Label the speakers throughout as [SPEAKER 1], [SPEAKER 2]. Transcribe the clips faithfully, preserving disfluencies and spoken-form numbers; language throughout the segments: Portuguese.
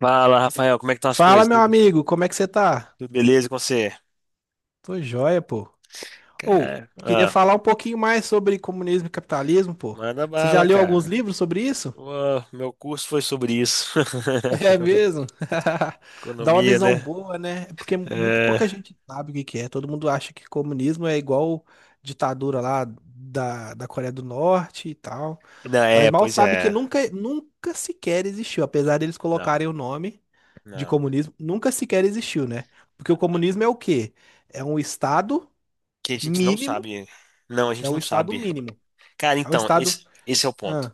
[SPEAKER 1] Fala, Rafael, como é que estão as
[SPEAKER 2] Fala,
[SPEAKER 1] coisas?
[SPEAKER 2] meu
[SPEAKER 1] Tudo,
[SPEAKER 2] amigo, como é que você tá?
[SPEAKER 1] tudo beleza com você?
[SPEAKER 2] Tô joia, pô. Ou,
[SPEAKER 1] Cara,
[SPEAKER 2] queria
[SPEAKER 1] ah,
[SPEAKER 2] falar um pouquinho mais sobre comunismo e capitalismo, pô.
[SPEAKER 1] manda
[SPEAKER 2] Você já
[SPEAKER 1] bala,
[SPEAKER 2] leu alguns
[SPEAKER 1] cara.
[SPEAKER 2] livros sobre isso?
[SPEAKER 1] Ô, meu curso foi sobre isso.
[SPEAKER 2] É mesmo? Dá uma
[SPEAKER 1] Economia,
[SPEAKER 2] visão
[SPEAKER 1] né?
[SPEAKER 2] boa, né? É, porque muito
[SPEAKER 1] É,
[SPEAKER 2] pouca gente sabe o que que é. Todo mundo acha que comunismo é igual ditadura lá da, da Coreia do Norte e tal.
[SPEAKER 1] não, é,
[SPEAKER 2] Mas mal
[SPEAKER 1] pois
[SPEAKER 2] sabe que
[SPEAKER 1] é.
[SPEAKER 2] nunca, nunca sequer existiu. Apesar deles
[SPEAKER 1] Não,
[SPEAKER 2] colocarem o nome de
[SPEAKER 1] não.
[SPEAKER 2] comunismo, nunca sequer existiu, né? Porque o comunismo é o quê? É um Estado
[SPEAKER 1] Que a gente não
[SPEAKER 2] mínimo,
[SPEAKER 1] sabe. Não, a
[SPEAKER 2] é
[SPEAKER 1] gente
[SPEAKER 2] um
[SPEAKER 1] não
[SPEAKER 2] estado
[SPEAKER 1] sabe.
[SPEAKER 2] mínimo.
[SPEAKER 1] Cara,
[SPEAKER 2] É um
[SPEAKER 1] então,
[SPEAKER 2] estado.
[SPEAKER 1] esse, esse é o ponto.
[SPEAKER 2] Ah,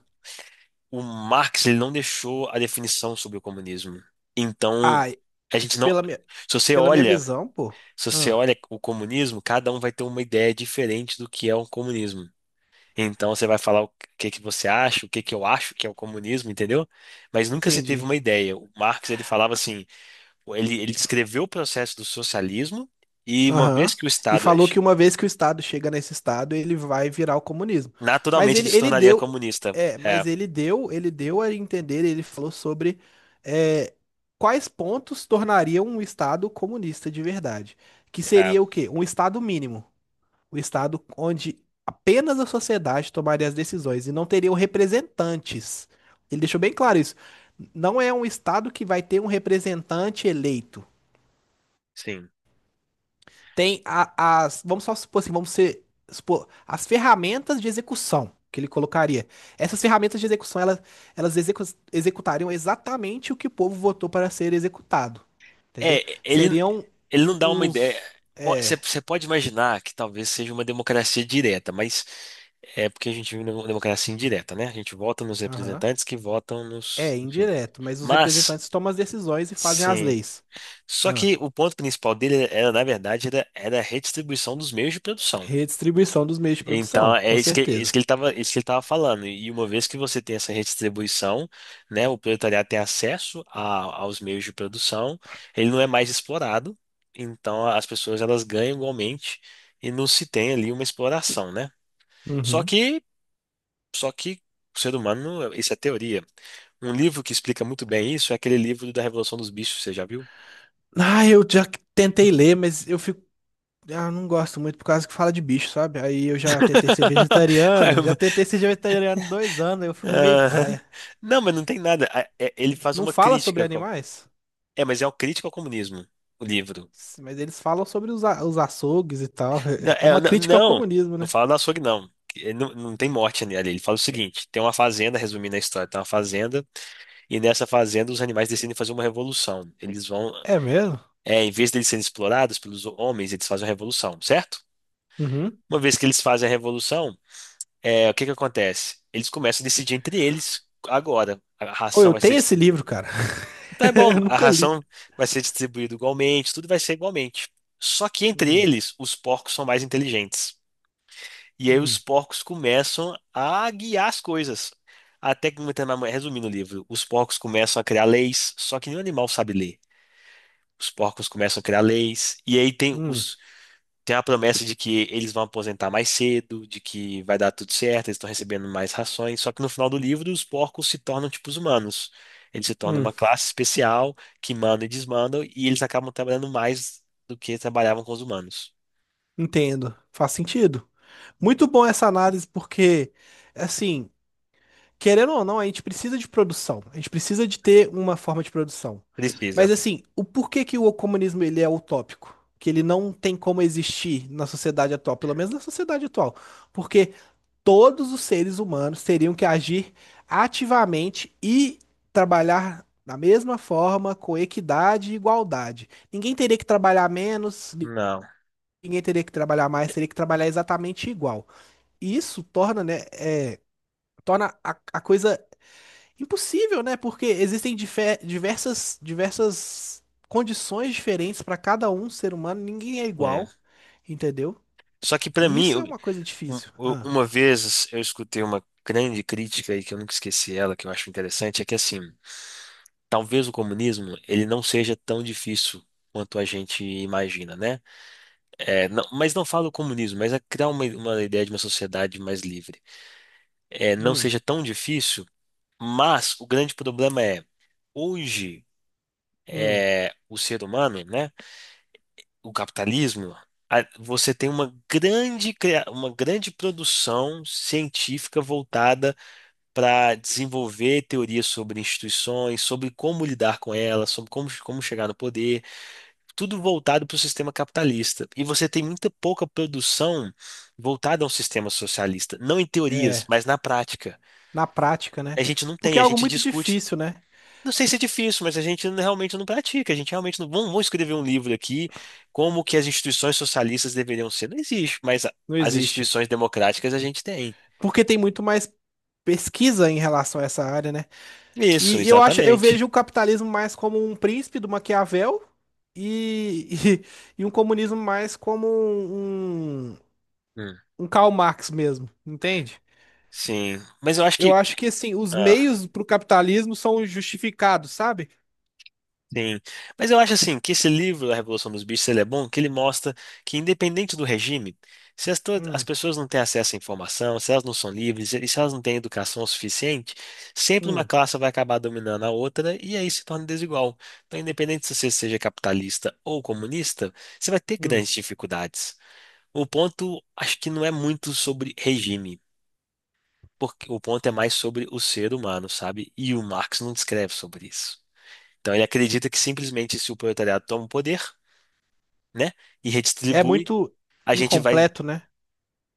[SPEAKER 1] O Marx, ele não deixou a definição sobre o comunismo. Então,
[SPEAKER 2] ai,
[SPEAKER 1] a gente não.
[SPEAKER 2] pela minha,
[SPEAKER 1] Se você
[SPEAKER 2] pela minha
[SPEAKER 1] olha,
[SPEAKER 2] visão, pô.
[SPEAKER 1] se você
[SPEAKER 2] Ah,
[SPEAKER 1] olha o comunismo, cada um vai ter uma ideia diferente do que é o comunismo. Então você vai falar o que que você acha, o que que eu acho que é o comunismo, entendeu? Mas nunca se teve
[SPEAKER 2] entendi.
[SPEAKER 1] uma ideia. O Marx ele falava assim, ele, ele descreveu o processo do socialismo e uma vez
[SPEAKER 2] Aham.
[SPEAKER 1] que o
[SPEAKER 2] E
[SPEAKER 1] Estado é,
[SPEAKER 2] falou que uma vez que o estado chega nesse estado, ele vai virar o comunismo. Mas
[SPEAKER 1] naturalmente
[SPEAKER 2] ele,
[SPEAKER 1] ele se
[SPEAKER 2] ele
[SPEAKER 1] tornaria
[SPEAKER 2] deu.
[SPEAKER 1] comunista.
[SPEAKER 2] É,
[SPEAKER 1] É,
[SPEAKER 2] mas ele deu, ele deu a entender, ele falou sobre é, quais pontos tornariam um estado comunista de verdade. Que
[SPEAKER 1] é,
[SPEAKER 2] seria o quê? Um estado mínimo. O estado onde apenas a sociedade tomaria as decisões e não teriam representantes. Ele deixou bem claro isso. Não é um estado que vai ter um representante eleito.
[SPEAKER 1] sim.
[SPEAKER 2] Tem a- as, vamos só supor assim, vamos ser, supor, as ferramentas de execução que ele colocaria. Essas ferramentas de execução, elas, elas execu- executariam exatamente o que o povo votou para ser executado. Entendeu?
[SPEAKER 1] É, ele
[SPEAKER 2] Seriam
[SPEAKER 1] ele não dá uma
[SPEAKER 2] um-
[SPEAKER 1] ideia.
[SPEAKER 2] uns.
[SPEAKER 1] Você
[SPEAKER 2] É.
[SPEAKER 1] você pode imaginar que talvez seja uma democracia direta, mas é porque a gente vive numa democracia indireta, né? A gente vota nos
[SPEAKER 2] Aham.
[SPEAKER 1] representantes que votam nos,
[SPEAKER 2] É,
[SPEAKER 1] enfim.
[SPEAKER 2] indireto, mas os
[SPEAKER 1] Mas,
[SPEAKER 2] representantes tomam as decisões e fazem as
[SPEAKER 1] sim.
[SPEAKER 2] leis.
[SPEAKER 1] Só
[SPEAKER 2] Ah,
[SPEAKER 1] que o ponto principal dele era, na verdade, era, era a redistribuição dos meios de produção.
[SPEAKER 2] redistribuição dos meios de produção,
[SPEAKER 1] Então, é
[SPEAKER 2] com
[SPEAKER 1] isso que, é isso
[SPEAKER 2] certeza.
[SPEAKER 1] que ele estava, isso que ele estava falando. E uma vez que você tem essa redistribuição, né, o proletariado tem acesso a- aos meios de produção, ele não é mais explorado, então as pessoas elas ganham igualmente e não se tem ali uma exploração, né? Só
[SPEAKER 2] Uhum.
[SPEAKER 1] que, só que o ser humano, isso é teoria. Um livro que explica muito bem isso é aquele livro da Revolução dos Bichos, você já viu?
[SPEAKER 2] Ah, eu já tentei ler, mas eu fico. Ah, não gosto muito por causa que fala de bicho, sabe? Aí eu já tentei ser vegetariano, já tentei ser vegetariano dois anos, aí eu fico meio
[SPEAKER 1] Aham.
[SPEAKER 2] paia.
[SPEAKER 1] Não, mas não tem nada. A- é- Ele faz
[SPEAKER 2] Não
[SPEAKER 1] uma
[SPEAKER 2] fala sobre
[SPEAKER 1] crítica. com-
[SPEAKER 2] animais,
[SPEAKER 1] É, mas é uma crítica ao comunismo, o livro.
[SPEAKER 2] mas eles falam sobre os, a- os açougues e tal.
[SPEAKER 1] Não,
[SPEAKER 2] É é é
[SPEAKER 1] é,
[SPEAKER 2] uma
[SPEAKER 1] não,
[SPEAKER 2] crítica ao
[SPEAKER 1] não,
[SPEAKER 2] comunismo,
[SPEAKER 1] não
[SPEAKER 2] né?
[SPEAKER 1] fala do açougue, não. Que- é, Não, não tem morte ali. Ele fala o seguinte: tem uma fazenda, resumindo a história, tem uma fazenda, e nessa fazenda os animais decidem fazer uma revolução. Eles vão,
[SPEAKER 2] É mesmo?
[SPEAKER 1] é, em vez deles serem explorados pelos homens, eles fazem uma revolução, certo?
[SPEAKER 2] Uhum.
[SPEAKER 1] Uma vez que eles fazem a revolução, é, o que que acontece? Eles começam a decidir entre eles agora. A
[SPEAKER 2] Ou
[SPEAKER 1] ração
[SPEAKER 2] eu
[SPEAKER 1] vai ser
[SPEAKER 2] tenho esse livro,
[SPEAKER 1] distribuída.
[SPEAKER 2] cara.
[SPEAKER 1] Então é bom,
[SPEAKER 2] Eu
[SPEAKER 1] a
[SPEAKER 2] nunca li.
[SPEAKER 1] ração vai ser distribuída igualmente, tudo vai ser igualmente. Só que entre
[SPEAKER 2] Hum,
[SPEAKER 1] eles, os porcos são mais inteligentes. E aí os
[SPEAKER 2] hum,
[SPEAKER 1] porcos começam a guiar as coisas. Até que, resumindo o livro, os porcos começam a criar leis, só que nenhum animal sabe ler. Os porcos começam a criar leis, e aí tem
[SPEAKER 2] hum.
[SPEAKER 1] os, tem a promessa de que eles vão aposentar mais cedo, de que vai dar tudo certo, eles estão recebendo mais rações. Só que no final do livro, os porcos se tornam tipo os humanos. Eles se tornam
[SPEAKER 2] Hum,
[SPEAKER 1] uma classe especial que manda e desmanda, e eles acabam trabalhando mais do que trabalhavam com os humanos.
[SPEAKER 2] entendo. Faz sentido. Muito bom essa análise, porque, assim, querendo ou não, a gente precisa de produção. A gente precisa de ter uma forma de produção.
[SPEAKER 1] Precisa.
[SPEAKER 2] Mas, assim, o porquê que o comunismo ele é utópico? Que ele não tem como existir na sociedade atual, pelo menos na sociedade atual. Porque todos os seres humanos teriam que agir ativamente e trabalhar da mesma forma, com equidade e igualdade. Ninguém teria que trabalhar menos,
[SPEAKER 1] Não.
[SPEAKER 2] ninguém teria que trabalhar mais, teria que trabalhar exatamente igual. E isso torna, né, é, torna a, a coisa impossível, né? Porque existem dife- diversas, diversas condições diferentes para cada um ser humano, ninguém é
[SPEAKER 1] Sim.
[SPEAKER 2] igual, entendeu?
[SPEAKER 1] Só que pra
[SPEAKER 2] E
[SPEAKER 1] mim,
[SPEAKER 2] isso é
[SPEAKER 1] eu-
[SPEAKER 2] uma coisa difícil.
[SPEAKER 1] um-
[SPEAKER 2] Ah,
[SPEAKER 1] uma vez eu escutei uma grande crítica aí que eu nunca esqueci ela, que eu acho interessante, é que assim, talvez o comunismo ele não seja tão difícil quanto a gente imagina, né? É, não- mas não falo comunismo, mas é criar uma, uma ideia de uma sociedade mais livre. É, não
[SPEAKER 2] hum,
[SPEAKER 1] seja tão difícil, mas o grande problema é, hoje,
[SPEAKER 2] hum,
[SPEAKER 1] é, o ser humano, né, o capitalismo, a- você tem uma grande, cria- uma grande produção científica voltada para desenvolver teorias sobre instituições, sobre como lidar com elas, sobre como, como chegar no poder. Tudo voltado para o sistema capitalista. E você tem muita pouca produção voltada a um sistema socialista. Não em
[SPEAKER 2] é,
[SPEAKER 1] teorias, mas na prática.
[SPEAKER 2] na prática, né?
[SPEAKER 1] A gente não
[SPEAKER 2] Porque
[SPEAKER 1] tem, a
[SPEAKER 2] é algo
[SPEAKER 1] gente
[SPEAKER 2] muito
[SPEAKER 1] discute.
[SPEAKER 2] difícil, né?
[SPEAKER 1] Não sei se é difícil, mas a gente não- realmente não pratica. A gente realmente não. Vamos, vamos escrever um livro aqui, como que as instituições socialistas deveriam ser. Não existe, mas a-
[SPEAKER 2] Não
[SPEAKER 1] as
[SPEAKER 2] existe.
[SPEAKER 1] instituições democráticas a gente tem.
[SPEAKER 2] Porque tem muito mais pesquisa em relação a essa área, né?
[SPEAKER 1] Isso,
[SPEAKER 2] E eu acho, eu
[SPEAKER 1] exatamente.
[SPEAKER 2] vejo o capitalismo mais como um príncipe do Maquiavel e, e, e um comunismo mais como um, um
[SPEAKER 1] Hum,
[SPEAKER 2] um Karl Marx mesmo, entende?
[SPEAKER 1] Sim. Mas eu acho
[SPEAKER 2] Eu
[SPEAKER 1] que. que-
[SPEAKER 2] acho que assim, os
[SPEAKER 1] ah,
[SPEAKER 2] meios para o capitalismo são justificados, sabe?
[SPEAKER 1] sim. Mas eu acho assim que esse livro, A Revolução dos Bichos, ele é bom, que ele mostra que independente do regime, se as, to- as
[SPEAKER 2] Hum,
[SPEAKER 1] pessoas não têm acesso à informação, se elas não são livres e se elas não têm educação suficiente, sempre uma
[SPEAKER 2] hum,
[SPEAKER 1] classe vai acabar dominando a outra e aí se torna desigual. Então, independente se você seja capitalista ou comunista, você vai ter
[SPEAKER 2] hum.
[SPEAKER 1] grandes dificuldades. O ponto, acho que não é muito sobre regime, porque o ponto é mais sobre o ser humano, sabe? E o Marx não descreve sobre isso. Então ele acredita que simplesmente se o proletariado toma o poder, né, e
[SPEAKER 2] É
[SPEAKER 1] redistribui,
[SPEAKER 2] muito
[SPEAKER 1] a gente vai.
[SPEAKER 2] incompleto, né?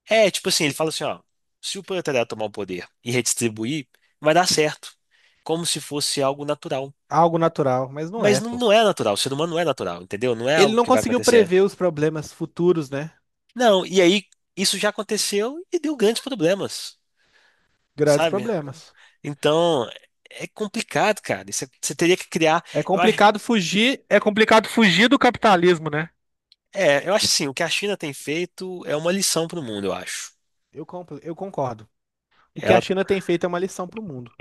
[SPEAKER 1] É, tipo assim, ele fala assim, ó, se o proletariado tomar o poder e redistribuir, vai dar certo, como se fosse algo natural.
[SPEAKER 2] Algo natural, mas não
[SPEAKER 1] Mas
[SPEAKER 2] é,
[SPEAKER 1] não,
[SPEAKER 2] pô.
[SPEAKER 1] não é natural, o ser humano não é natural, entendeu? Não é
[SPEAKER 2] Ele
[SPEAKER 1] algo
[SPEAKER 2] não
[SPEAKER 1] que vai
[SPEAKER 2] conseguiu
[SPEAKER 1] acontecer.
[SPEAKER 2] prever os problemas futuros, né?
[SPEAKER 1] Não, e aí isso já aconteceu e deu grandes problemas,
[SPEAKER 2] Grandes
[SPEAKER 1] sabe?
[SPEAKER 2] problemas.
[SPEAKER 1] Então, é complicado, cara. Você você teria que criar.
[SPEAKER 2] É
[SPEAKER 1] Eu acho,
[SPEAKER 2] complicado fugir, é complicado fugir do capitalismo, né?
[SPEAKER 1] é, eu acho assim, o que a China tem feito é uma lição para o mundo, eu acho.
[SPEAKER 2] Eu, compl- eu concordo. O que a China tem feito é uma lição para o mundo.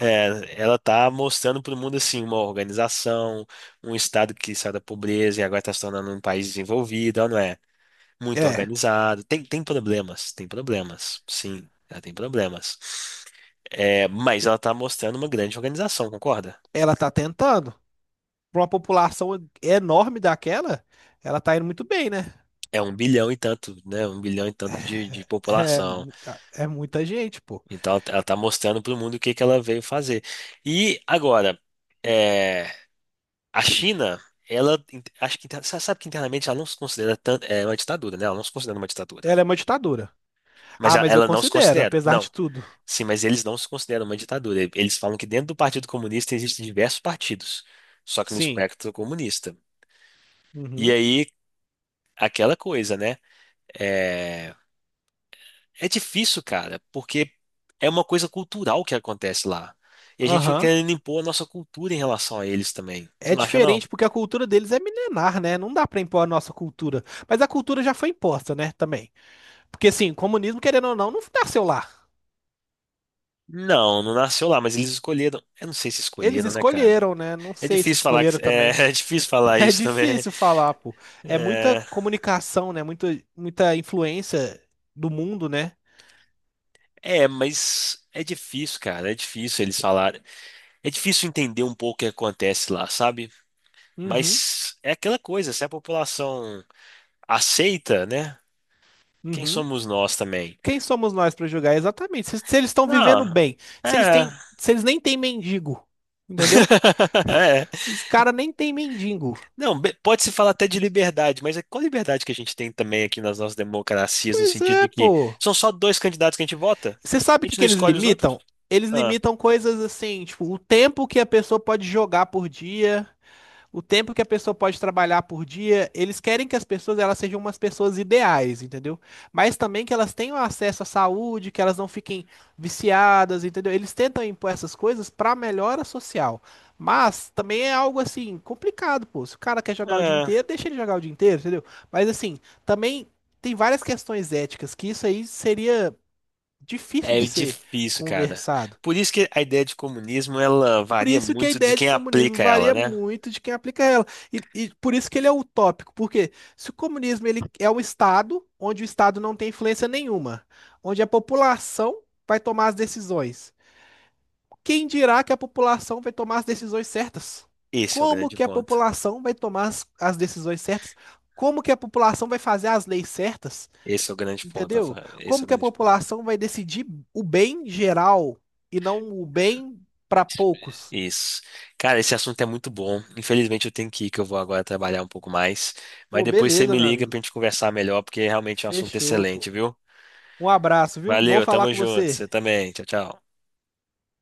[SPEAKER 1] É, ela tá mostrando para o mundo assim uma organização, um estado que sai da pobreza e agora está se tornando um país desenvolvido, ela não é muito
[SPEAKER 2] É,
[SPEAKER 1] organizado. Tem, tem problemas, tem problemas, sim, ela tem problemas. É, mas ela tá mostrando uma grande organização, concorda?
[SPEAKER 2] ela tá tentando. Para uma população enorme daquela, ela tá indo muito bem, né?
[SPEAKER 1] É um bilhão e tanto, né? Um bilhão e tanto de, de
[SPEAKER 2] É,
[SPEAKER 1] população.
[SPEAKER 2] muita- é muita gente, pô.
[SPEAKER 1] Então ela tá mostrando para o mundo o que que ela veio fazer. E agora, é, a China, ela in- acho que inter- sa- sabe que internamente ela não se considera tanto, é uma ditadura, né? Ela não se considera uma ditadura.
[SPEAKER 2] Ela é uma ditadura.
[SPEAKER 1] Mas
[SPEAKER 2] Ah,
[SPEAKER 1] a-
[SPEAKER 2] mas eu
[SPEAKER 1] ela não se
[SPEAKER 2] considero,
[SPEAKER 1] considera.
[SPEAKER 2] apesar
[SPEAKER 1] Não.
[SPEAKER 2] de tudo.
[SPEAKER 1] Sim, mas eles não se consideram uma ditadura. E- Eles falam que dentro do Partido Comunista existem diversos partidos, só que no
[SPEAKER 2] Sim.
[SPEAKER 1] espectro comunista. E
[SPEAKER 2] Uhum.
[SPEAKER 1] aí, aquela coisa, né? É, é difícil, cara, porque é uma coisa cultural que acontece lá. E a gente fica
[SPEAKER 2] Aham.
[SPEAKER 1] querendo impor a nossa cultura em relação a eles também. Você
[SPEAKER 2] É
[SPEAKER 1] não acha, não?
[SPEAKER 2] diferente porque a cultura deles é milenar, né? Não dá pra impor a nossa cultura. Mas a cultura já foi imposta, né? Também. Porque, assim, comunismo, querendo ou não, não nasceu lá.
[SPEAKER 1] Não, não nasceu lá, mas eles escolheram. Eu não sei se
[SPEAKER 2] Eles
[SPEAKER 1] escolheram, né, cara?
[SPEAKER 2] escolheram, né? Não
[SPEAKER 1] É
[SPEAKER 2] sei se
[SPEAKER 1] difícil falar
[SPEAKER 2] escolheram
[SPEAKER 1] que, é,
[SPEAKER 2] também.
[SPEAKER 1] é difícil falar
[SPEAKER 2] É
[SPEAKER 1] isso também.
[SPEAKER 2] difícil falar, pô. É muita
[SPEAKER 1] É,
[SPEAKER 2] comunicação, né? Muita, muita influência do mundo, né?
[SPEAKER 1] é, mas é difícil, cara. É difícil eles falarem. É difícil entender um pouco o que acontece lá, sabe?
[SPEAKER 2] Uhum,
[SPEAKER 1] Mas é aquela coisa, se a população aceita, né? Quem
[SPEAKER 2] uhum.
[SPEAKER 1] somos nós também?
[SPEAKER 2] Quem somos nós para julgar? Exatamente. Se, se eles estão vivendo
[SPEAKER 1] Não,
[SPEAKER 2] bem, se eles
[SPEAKER 1] é.
[SPEAKER 2] têm, se eles nem têm mendigo, entendeu?
[SPEAKER 1] É.
[SPEAKER 2] Os caras nem têm mendigo.
[SPEAKER 1] Não, be- pode se falar até de liberdade, mas é qual liberdade que a gente tem também aqui nas nossas democracias, no
[SPEAKER 2] Pois
[SPEAKER 1] sentido de
[SPEAKER 2] é,
[SPEAKER 1] que
[SPEAKER 2] pô.
[SPEAKER 1] são só dois candidatos que a gente vota?
[SPEAKER 2] Você sabe
[SPEAKER 1] A
[SPEAKER 2] o que
[SPEAKER 1] gente não
[SPEAKER 2] que eles
[SPEAKER 1] escolhe os outros?
[SPEAKER 2] limitam? Eles
[SPEAKER 1] Ah,
[SPEAKER 2] limitam coisas assim, tipo, o tempo que a pessoa pode jogar por dia. O tempo que a pessoa pode trabalhar por dia, eles querem que as pessoas elas sejam umas pessoas ideais, entendeu? Mas também que elas tenham acesso à saúde, que elas não fiquem viciadas, entendeu? Eles tentam impor essas coisas para melhora social. Mas também é algo assim complicado, pô. Se o cara quer jogar o dia
[SPEAKER 1] é.
[SPEAKER 2] inteiro, deixa ele jogar o dia inteiro, entendeu? Mas assim, também tem várias questões éticas que isso aí seria difícil
[SPEAKER 1] É
[SPEAKER 2] de ser
[SPEAKER 1] difícil, cara.
[SPEAKER 2] conversado.
[SPEAKER 1] Por isso que a ideia de comunismo ela
[SPEAKER 2] Por
[SPEAKER 1] varia
[SPEAKER 2] isso que a
[SPEAKER 1] muito de
[SPEAKER 2] ideia de
[SPEAKER 1] quem
[SPEAKER 2] comunismo
[SPEAKER 1] aplica ela,
[SPEAKER 2] varia
[SPEAKER 1] né?
[SPEAKER 2] muito de quem aplica ela. E, e por isso que ele é utópico, porque se o comunismo ele é um Estado onde o Estado não tem influência nenhuma, onde a população vai tomar as decisões, quem dirá que a população vai tomar as decisões certas?
[SPEAKER 1] Esse é o
[SPEAKER 2] Como
[SPEAKER 1] grande
[SPEAKER 2] que a
[SPEAKER 1] ponto.
[SPEAKER 2] população vai tomar as, as decisões certas? Como que a população vai fazer as leis certas?
[SPEAKER 1] Esse é o grande ponto,
[SPEAKER 2] Entendeu?
[SPEAKER 1] Rafael. Esse
[SPEAKER 2] Como
[SPEAKER 1] é o
[SPEAKER 2] que a
[SPEAKER 1] grande ponto.
[SPEAKER 2] população vai decidir o bem geral e não o bem para poucos?
[SPEAKER 1] Isso. Cara, esse assunto é muito bom. Infelizmente eu tenho que ir, que eu vou agora trabalhar um pouco mais. Mas
[SPEAKER 2] Ô,
[SPEAKER 1] depois você
[SPEAKER 2] beleza,
[SPEAKER 1] me
[SPEAKER 2] meu
[SPEAKER 1] liga pra
[SPEAKER 2] amigo.
[SPEAKER 1] gente conversar melhor, porque realmente é um assunto
[SPEAKER 2] Fechou, pô.
[SPEAKER 1] excelente, viu?
[SPEAKER 2] Um abraço, viu? Bom
[SPEAKER 1] Valeu,
[SPEAKER 2] falar
[SPEAKER 1] tamo
[SPEAKER 2] com
[SPEAKER 1] junto. Você
[SPEAKER 2] você.
[SPEAKER 1] também. Tchau, tchau.